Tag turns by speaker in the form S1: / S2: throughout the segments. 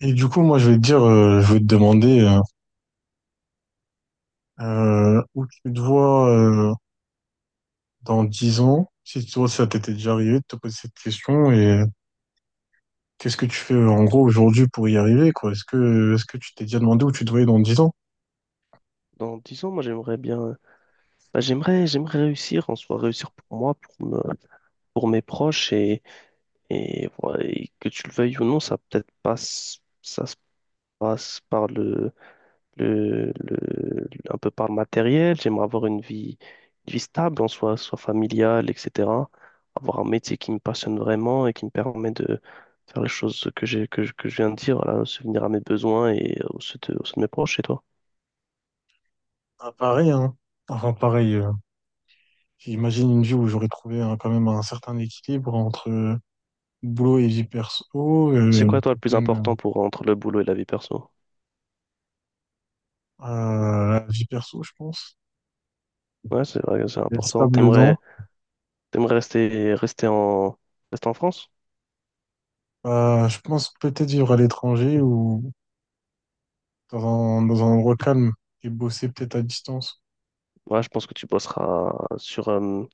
S1: Et du coup, moi, je vais te dire, je vais te demander où tu te vois dans 10 ans, si tu vois ça t'était déjà arrivé de te poser cette question, et qu'est-ce que tu fais en gros aujourd'hui pour y arriver, quoi? Est-ce que tu t'es déjà demandé où tu te voyais dans dix ans?
S2: Dans 10 ans, moi, j'aimerais bien, j'aimerais réussir en soi, réussir pour moi, pour mes proches voilà, et que tu le veuilles ou non, ça peut-être passe, ça se passe par le- un peu par le matériel. J'aimerais avoir une vie stable en soi, soit familiale, etc. Avoir un métier qui me passionne vraiment et qui me permet de faire les choses que je viens de dire, voilà, subvenir à mes besoins et aux ceux de mes proches. Et toi?
S1: Ah, pareil, hein. Enfin, pareil, j'imagine une vie où j'aurais trouvé hein, quand même un certain équilibre entre boulot et vie perso,
S2: C'est quoi, toi, le
S1: peut-être
S2: plus
S1: même
S2: important pour entre le boulot et la vie perso?
S1: la vie perso, je pense.
S2: Ouais, c'est vrai, que c'est
S1: D'être
S2: important.
S1: stable dedans.
S2: T'aimerais rester en France?
S1: Bah, je pense peut-être vivre à l'étranger ou dans dans un endroit calme et bosser peut-être à distance.
S2: Ouais, je pense que tu bosseras sur, euh,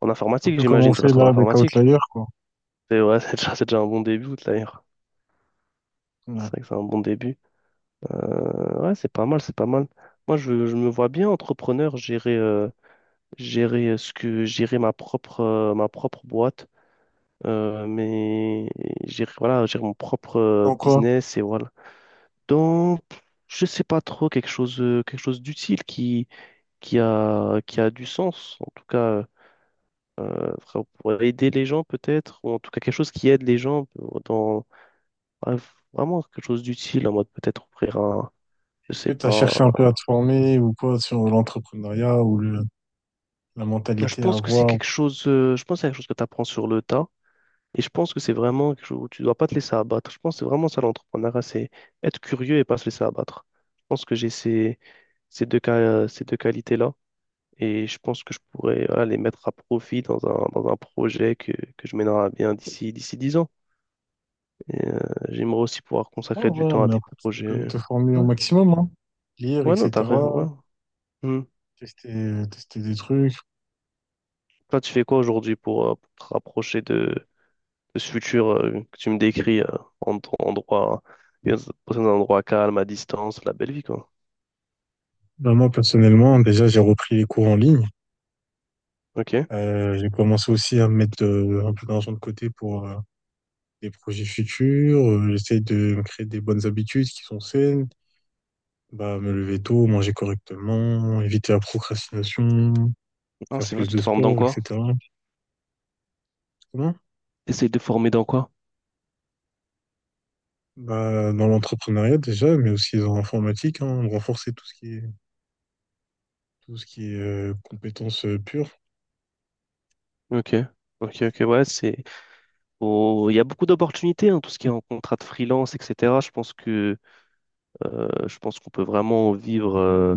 S2: en
S1: Un
S2: informatique,
S1: peu comme on
S2: j'imagine. Tu
S1: fait
S2: resteras
S1: là
S2: dans
S1: avec
S2: l'informatique.
S1: Outlier, quoi.
S2: C'est ouais, c'est déjà un bon début, d'ailleurs.
S1: Ouais.
S2: C'est vrai que c'est un bon début. Ouais, c'est pas mal. Moi, je me vois bien entrepreneur, gérer ma propre boîte, mais gérer, voilà, gérer mon propre
S1: En quoi?
S2: business et voilà. Donc, je sais pas trop quelque chose d'utile qui a du sens, en tout cas, pour aider les gens peut-être, ou en tout cas quelque chose qui aide les gens ouais, vraiment quelque chose d'utile, en mode peut-être je
S1: Est-ce que
S2: sais
S1: tu as
S2: pas.
S1: cherché un peu à te former ou quoi sur l'entrepreneuriat ou la
S2: Je
S1: mentalité à
S2: pense que c'est
S1: avoir?
S2: quelque chose, je pense que c'est quelque chose que tu apprends sur le tas, et je pense que c'est vraiment quelque chose où tu dois pas te laisser abattre. Je pense que c'est vraiment ça l'entrepreneuriat, c'est être curieux et pas se laisser abattre. Je pense que j'ai ces deux qualités-là. Et je pense que je pourrais voilà, les mettre à profit dans un projet que je mènerai à bien d'ici 10 ans. Et, j'aimerais aussi pouvoir consacrer
S1: Oh, ouais,
S2: du
S1: ouais,
S2: temps à
S1: mais
S2: des
S1: après, tu peux quand même
S2: projets.
S1: te former au
S2: Ouais,
S1: maximum, hein. Lire,
S2: ouais non, t'as rien.
S1: etc.
S2: Ouais. Hmm.
S1: Tester des trucs.
S2: Toi, tu fais quoi aujourd'hui pour te rapprocher de ce futur que tu me décris en ton endroit, bien dans un endroit calme, à distance, la belle vie, quoi.
S1: Bah, moi, personnellement, déjà, j'ai repris les cours en ligne.
S2: Ok.
S1: J'ai commencé aussi à mettre un peu d'argent de côté pour, des projets futurs, j'essaie de me créer des bonnes habitudes qui sont saines, bah, me lever tôt, manger correctement, éviter la procrastination,
S2: Ah,
S1: faire
S2: c'est vrai,
S1: plus
S2: tu
S1: de
S2: te formes dans
S1: sport,
S2: quoi?
S1: etc. Comment
S2: Essaye de former dans quoi?
S1: Bah, dans l'entrepreneuriat déjà, mais aussi dans l'informatique, hein, renforcer tout ce qui est compétences pures.
S2: Ok. Ok, ok, ouais, c'est Il y a beaucoup d'opportunités, hein, tout ce qui est en contrat de freelance, etc. Je pense que je pense qu'on peut vraiment vivre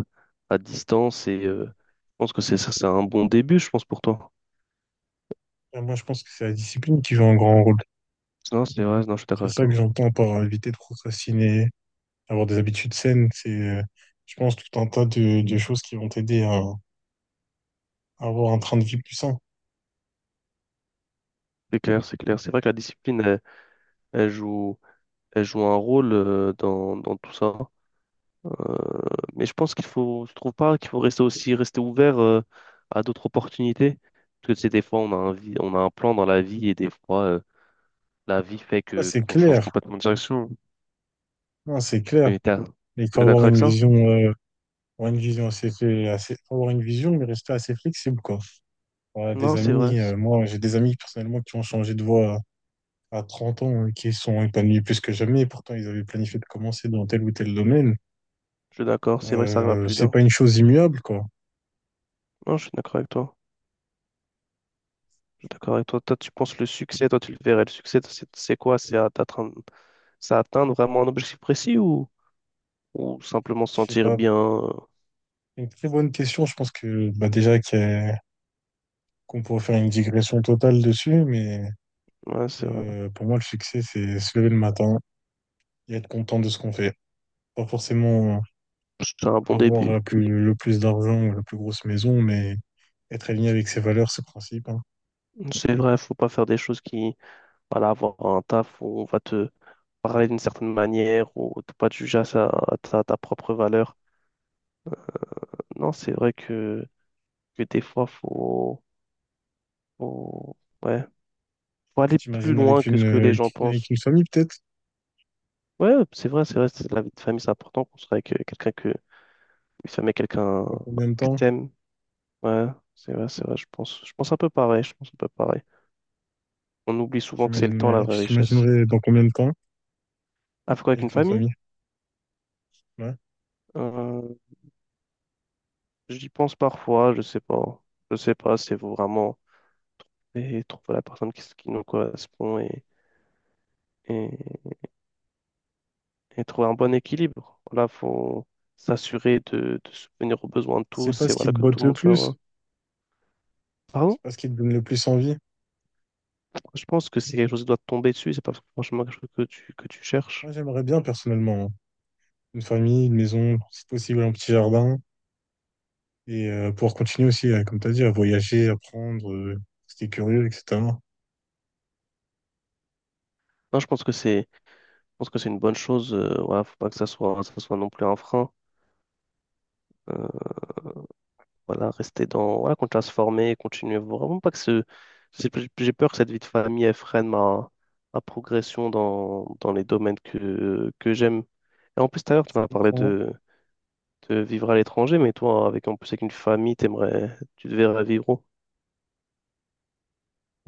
S2: à distance et je pense que c'est ça, c'est un bon début, je pense, pour toi.
S1: Ah, moi, je pense que c'est la discipline qui joue un grand rôle.
S2: Non, c'est vrai, non, je suis d'accord
S1: C'est
S2: avec
S1: ça que
S2: toi.
S1: j'entends par éviter de procrastiner, avoir des habitudes saines. C'est, euh, je pense, tout un tas de choses qui vont t'aider à avoir un train de vie plus sain.
S2: C'est clair. C'est vrai que la discipline, elle elle joue un rôle dans tout ça. Euh, mais je pense qu'il faut, je trouve pas qu'il faut rester ouvert à d'autres opportunités. Parce que tu des fois, on a un plan dans la vie et des fois, la vie fait
S1: Ouais,
S2: que
S1: c'est
S2: qu'on change
S1: clair.
S2: complètement de direction.
S1: Non, c'est clair.
S2: Et t'as-
S1: Il faut
S2: T'es d'accord avec ça?
S1: avoir une vision assez, assez, faut avoir une vision, mais rester assez flexible, quoi. Voilà, des
S2: Non, c'est vrai.
S1: amis, moi, j'ai des amis personnellement qui ont changé de voie à 30 ans, et qui sont épanouis plus que jamais. Pourtant, ils avaient planifié de commencer dans tel ou tel domaine.
S2: Je suis d'accord. C'est vrai que ça arrive à plus
S1: C'est
S2: d'un.
S1: pas une chose immuable, quoi.
S2: Non, je suis d'accord avec toi. Je suis d'accord avec toi. Toi, tu penses le succès, toi, tu le verrais. Le succès, c'est quoi? C'est à t'atteindre, c'est atteindre vraiment un objectif précis ou simplement se
S1: Je sais
S2: sentir
S1: pas.
S2: bien?
S1: Une très bonne question. Je pense que, bah, déjà, qu'on pourrait faire une digression totale dessus, mais
S2: Ouais, c'est vrai.
S1: pour moi, le succès, c'est se lever le matin et être content de ce qu'on fait. Pas forcément
S2: C'est un bon
S1: avoir
S2: début.
S1: le plus d'argent, ou la plus grosse maison, mais être aligné avec ses valeurs, ses principes, hein.
S2: C'est vrai, faut pas faire des choses qui voilà, avoir un taf où on va te parler d'une certaine manière, ou te pas te juger à, sa- à ta, ta propre valeur. Non, c'est vrai que des fois, faut, ouais, faut
S1: Tu
S2: aller plus
S1: t'imagines
S2: loin
S1: avec
S2: que ce que les gens pensent.
S1: une famille, peut-être?
S2: Ouais, c'est vrai, c'est la vie de famille, c'est important qu'on soit avec quelqu'un une famille, quelqu'un
S1: Dans combien de
S2: que
S1: temps?
S2: t'aimes. Ouais, c'est vrai, je pense un peu pareil, je pense un peu pareil. On oublie souvent que c'est le
S1: J'imagine,
S2: temps la vraie
S1: tu
S2: richesse.
S1: t'imaginerais dans combien de temps
S2: Ah, faut quoi avec une
S1: avec une
S2: famille?
S1: famille? Ouais.
S2: Euh, j'y pense parfois, je sais pas. Je sais pas, si c'est vraiment. Et trouver la personne qui nous correspond et, et trouver un bon équilibre. Voilà, faut s'assurer de subvenir aux besoins de
S1: C'est pas
S2: tous et
S1: ce qui
S2: voilà
S1: te
S2: que tout
S1: botte
S2: le
S1: le
S2: monde soit
S1: plus,
S2: heureux. Pardon?
S1: c'est pas ce qui te donne le plus envie.
S2: Je pense que c'est quelque chose qui doit te tomber dessus, c'est pas franchement quelque chose que tu
S1: Moi,
S2: cherches.
S1: j'aimerais bien, personnellement, hein, une famille, une maison, si possible, un petit jardin, et pouvoir continuer aussi, comme tu as dit, à voyager, apprendre, rester curieux, etc.
S2: Non, je pense que c'est une bonne chose. Voilà, faut pas que ça soit non plus un frein. Euh, Voilà, continuer à se former, continuer vraiment pas que ce, j'ai j'ai peur que cette vie de famille, elle freine ma, ma progression dans les domaines que j'aime. Et en plus, tout à l'heure, tu m'as parlé de vivre à l'étranger, mais toi, avec, en plus, avec une famille, tu te verrais vivre où?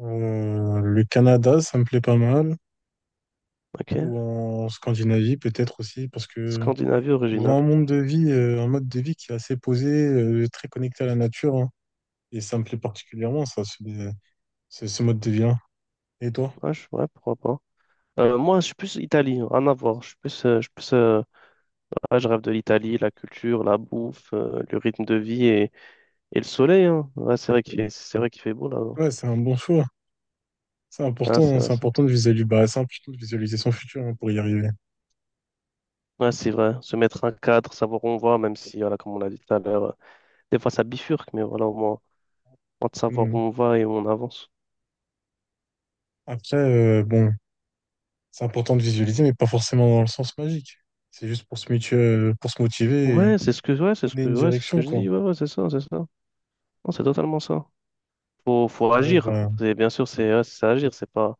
S1: Le Canada, ça me plaît pas mal, ou
S2: Ok.
S1: en Scandinavie peut-être aussi, parce que
S2: Scandinavie
S1: ils ont un
S2: originale.
S1: monde de vie, un mode de vie qui est assez posé, très connecté à la nature, hein. Et ça me plaît particulièrement, ça, ce mode de vie-là. Et toi?
S2: Ouais, pourquoi pas. Moi, je suis plus Italie, rien à voir. Je suis plus, ouais, je rêve de l'Italie, la culture, la bouffe, le rythme de vie et le soleil. Hein. Ouais, c'est vrai qu'il fait beau là.
S1: Ouais, c'est un bon choix. C'est
S2: Ah,
S1: important,
S2: c'est
S1: hein,
S2: vrai,
S1: c'est
S2: ça.
S1: important de visualiser, bah, c'est important de visualiser son futur, hein, pour y arriver.
S2: Ouais, c'est vrai. Se mettre un cadre, savoir où on va, même si, voilà, comme on l'a dit tout à l'heure, des fois ça bifurque, mais voilà, au moins, on de savoir où
S1: Hmm.
S2: on va et où on avance.
S1: Après, bon, c'est important de visualiser, mais pas forcément dans le sens magique. C'est juste pour pour se motiver et
S2: Ouais, c'est ce que, ouais, c'est ce
S1: donner
S2: que,
S1: une
S2: ouais, c'est ce que
S1: direction,
S2: je
S1: quoi.
S2: dis. Ouais, ouais, c'est ça. Non, c'est totalement ça. Faut
S1: Un rêve,
S2: agir.
S1: bah,
S2: Bien sûr, c'est agir.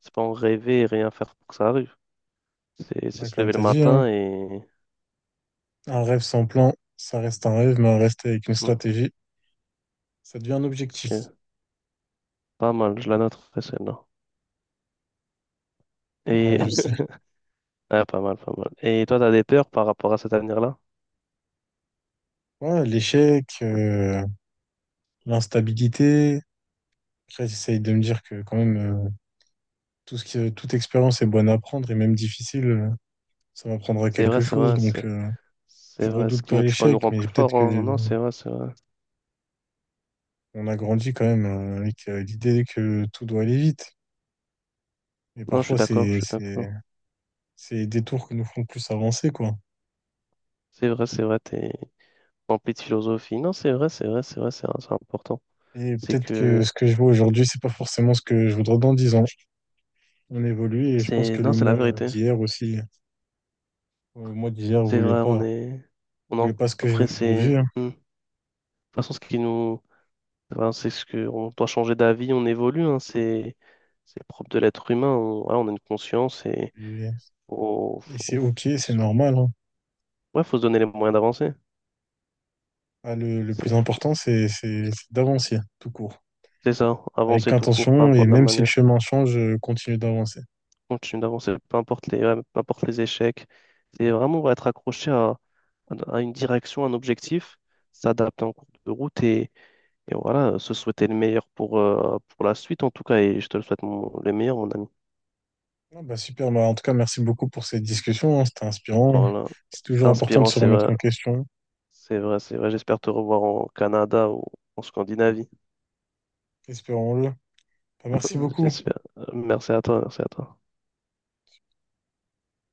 S2: C'est pas en rêver et rien faire pour que ça arrive. C'est
S1: ouais,
S2: se
S1: comme
S2: lever
S1: tu
S2: le
S1: as dit, hein,
S2: matin et,
S1: un rêve sans plan, ça reste un rêve, mais un rêve avec une
S2: Hmm,
S1: stratégie, ça devient un objectif.
S2: c'est pas mal. Je la note, ouais, celle-là.
S1: Ouais,
S2: Et,
S1: je sais.
S2: Ah, pas mal. Et toi, t'as des peurs par rapport à cet avenir-là?
S1: Ouais, l'échec, l'instabilité. Après, j'essaye de me dire que quand même, euh, toute expérience est bonne à prendre et même difficile, ça m'apprendra
S2: C'est vrai,
S1: quelque
S2: c'est
S1: chose.
S2: vrai, c'est
S1: Donc,
S2: c'est
S1: je
S2: vrai. Ce
S1: redoute
S2: qui
S1: pas
S2: nous tue pas nous
S1: l'échec,
S2: rend
S1: mais
S2: plus
S1: peut-être
S2: forts, hein.
S1: que
S2: Non, c'est vrai.
S1: on a grandi quand même avec l'idée que tout doit aller vite. Et
S2: Non,
S1: parfois,
S2: je suis d'accord.
S1: c'est les détours qui nous font plus avancer, quoi.
S2: C'est vrai, t'es rempli de philosophie. Non, c'est vrai, c'est important.
S1: Et
S2: C'est
S1: peut-être que
S2: que,
S1: ce que je vois aujourd'hui, c'est pas forcément ce que je voudrais dans 10 ans. On évolue et je pense que
S2: non,
S1: le
S2: c'est la
S1: mois
S2: vérité.
S1: d'hier aussi, le mois d'hier
S2: C'est vrai, on est, on
S1: voulait
S2: en,
S1: pas ce que je veux
S2: après, c'est,
S1: aujourd'hui, hein.
S2: hmm. De toute façon, ce qui nous, Enfin, c'est ce que on doit changer d'avis, on évolue, hein, c'est le propre de l'être humain. On, voilà, on a une conscience et
S1: Et,
S2: faut,
S1: et
S2: faut,
S1: c'est
S2: faut,
S1: ok, c'est
S2: s-
S1: normal, hein.
S2: ouais, faut se donner les moyens d'avancer.
S1: Ah, le
S2: C'est
S1: plus
S2: faut,
S1: important, c'est d'avancer, tout court.
S2: c'est ça,
S1: Avec
S2: avancer tout court, peu
S1: intention et
S2: importe la
S1: même si le
S2: manière.
S1: chemin change, continue d'avancer.
S2: Continuer d'avancer, peu importe les échecs. C'est vraiment ouais, être accroché à une direction, à un objectif, s'adapter en cours de route et voilà, se souhaiter le meilleur pour la suite en tout cas. Et je te le souhaite le meilleur, mon ami.
S1: Non, bah super, bah en tout cas, merci beaucoup pour cette discussion, hein. C'était inspirant.
S2: Voilà,
S1: C'est
S2: c'était
S1: toujours important de
S2: inspirant,
S1: se
S2: c'est
S1: remettre
S2: vrai.
S1: en question.
S2: C'est vrai, c'est vrai. J'espère te revoir au Canada ou en Scandinavie.
S1: Espérons-le. Bah, merci beaucoup.
S2: J'espère. Merci à toi, merci à toi.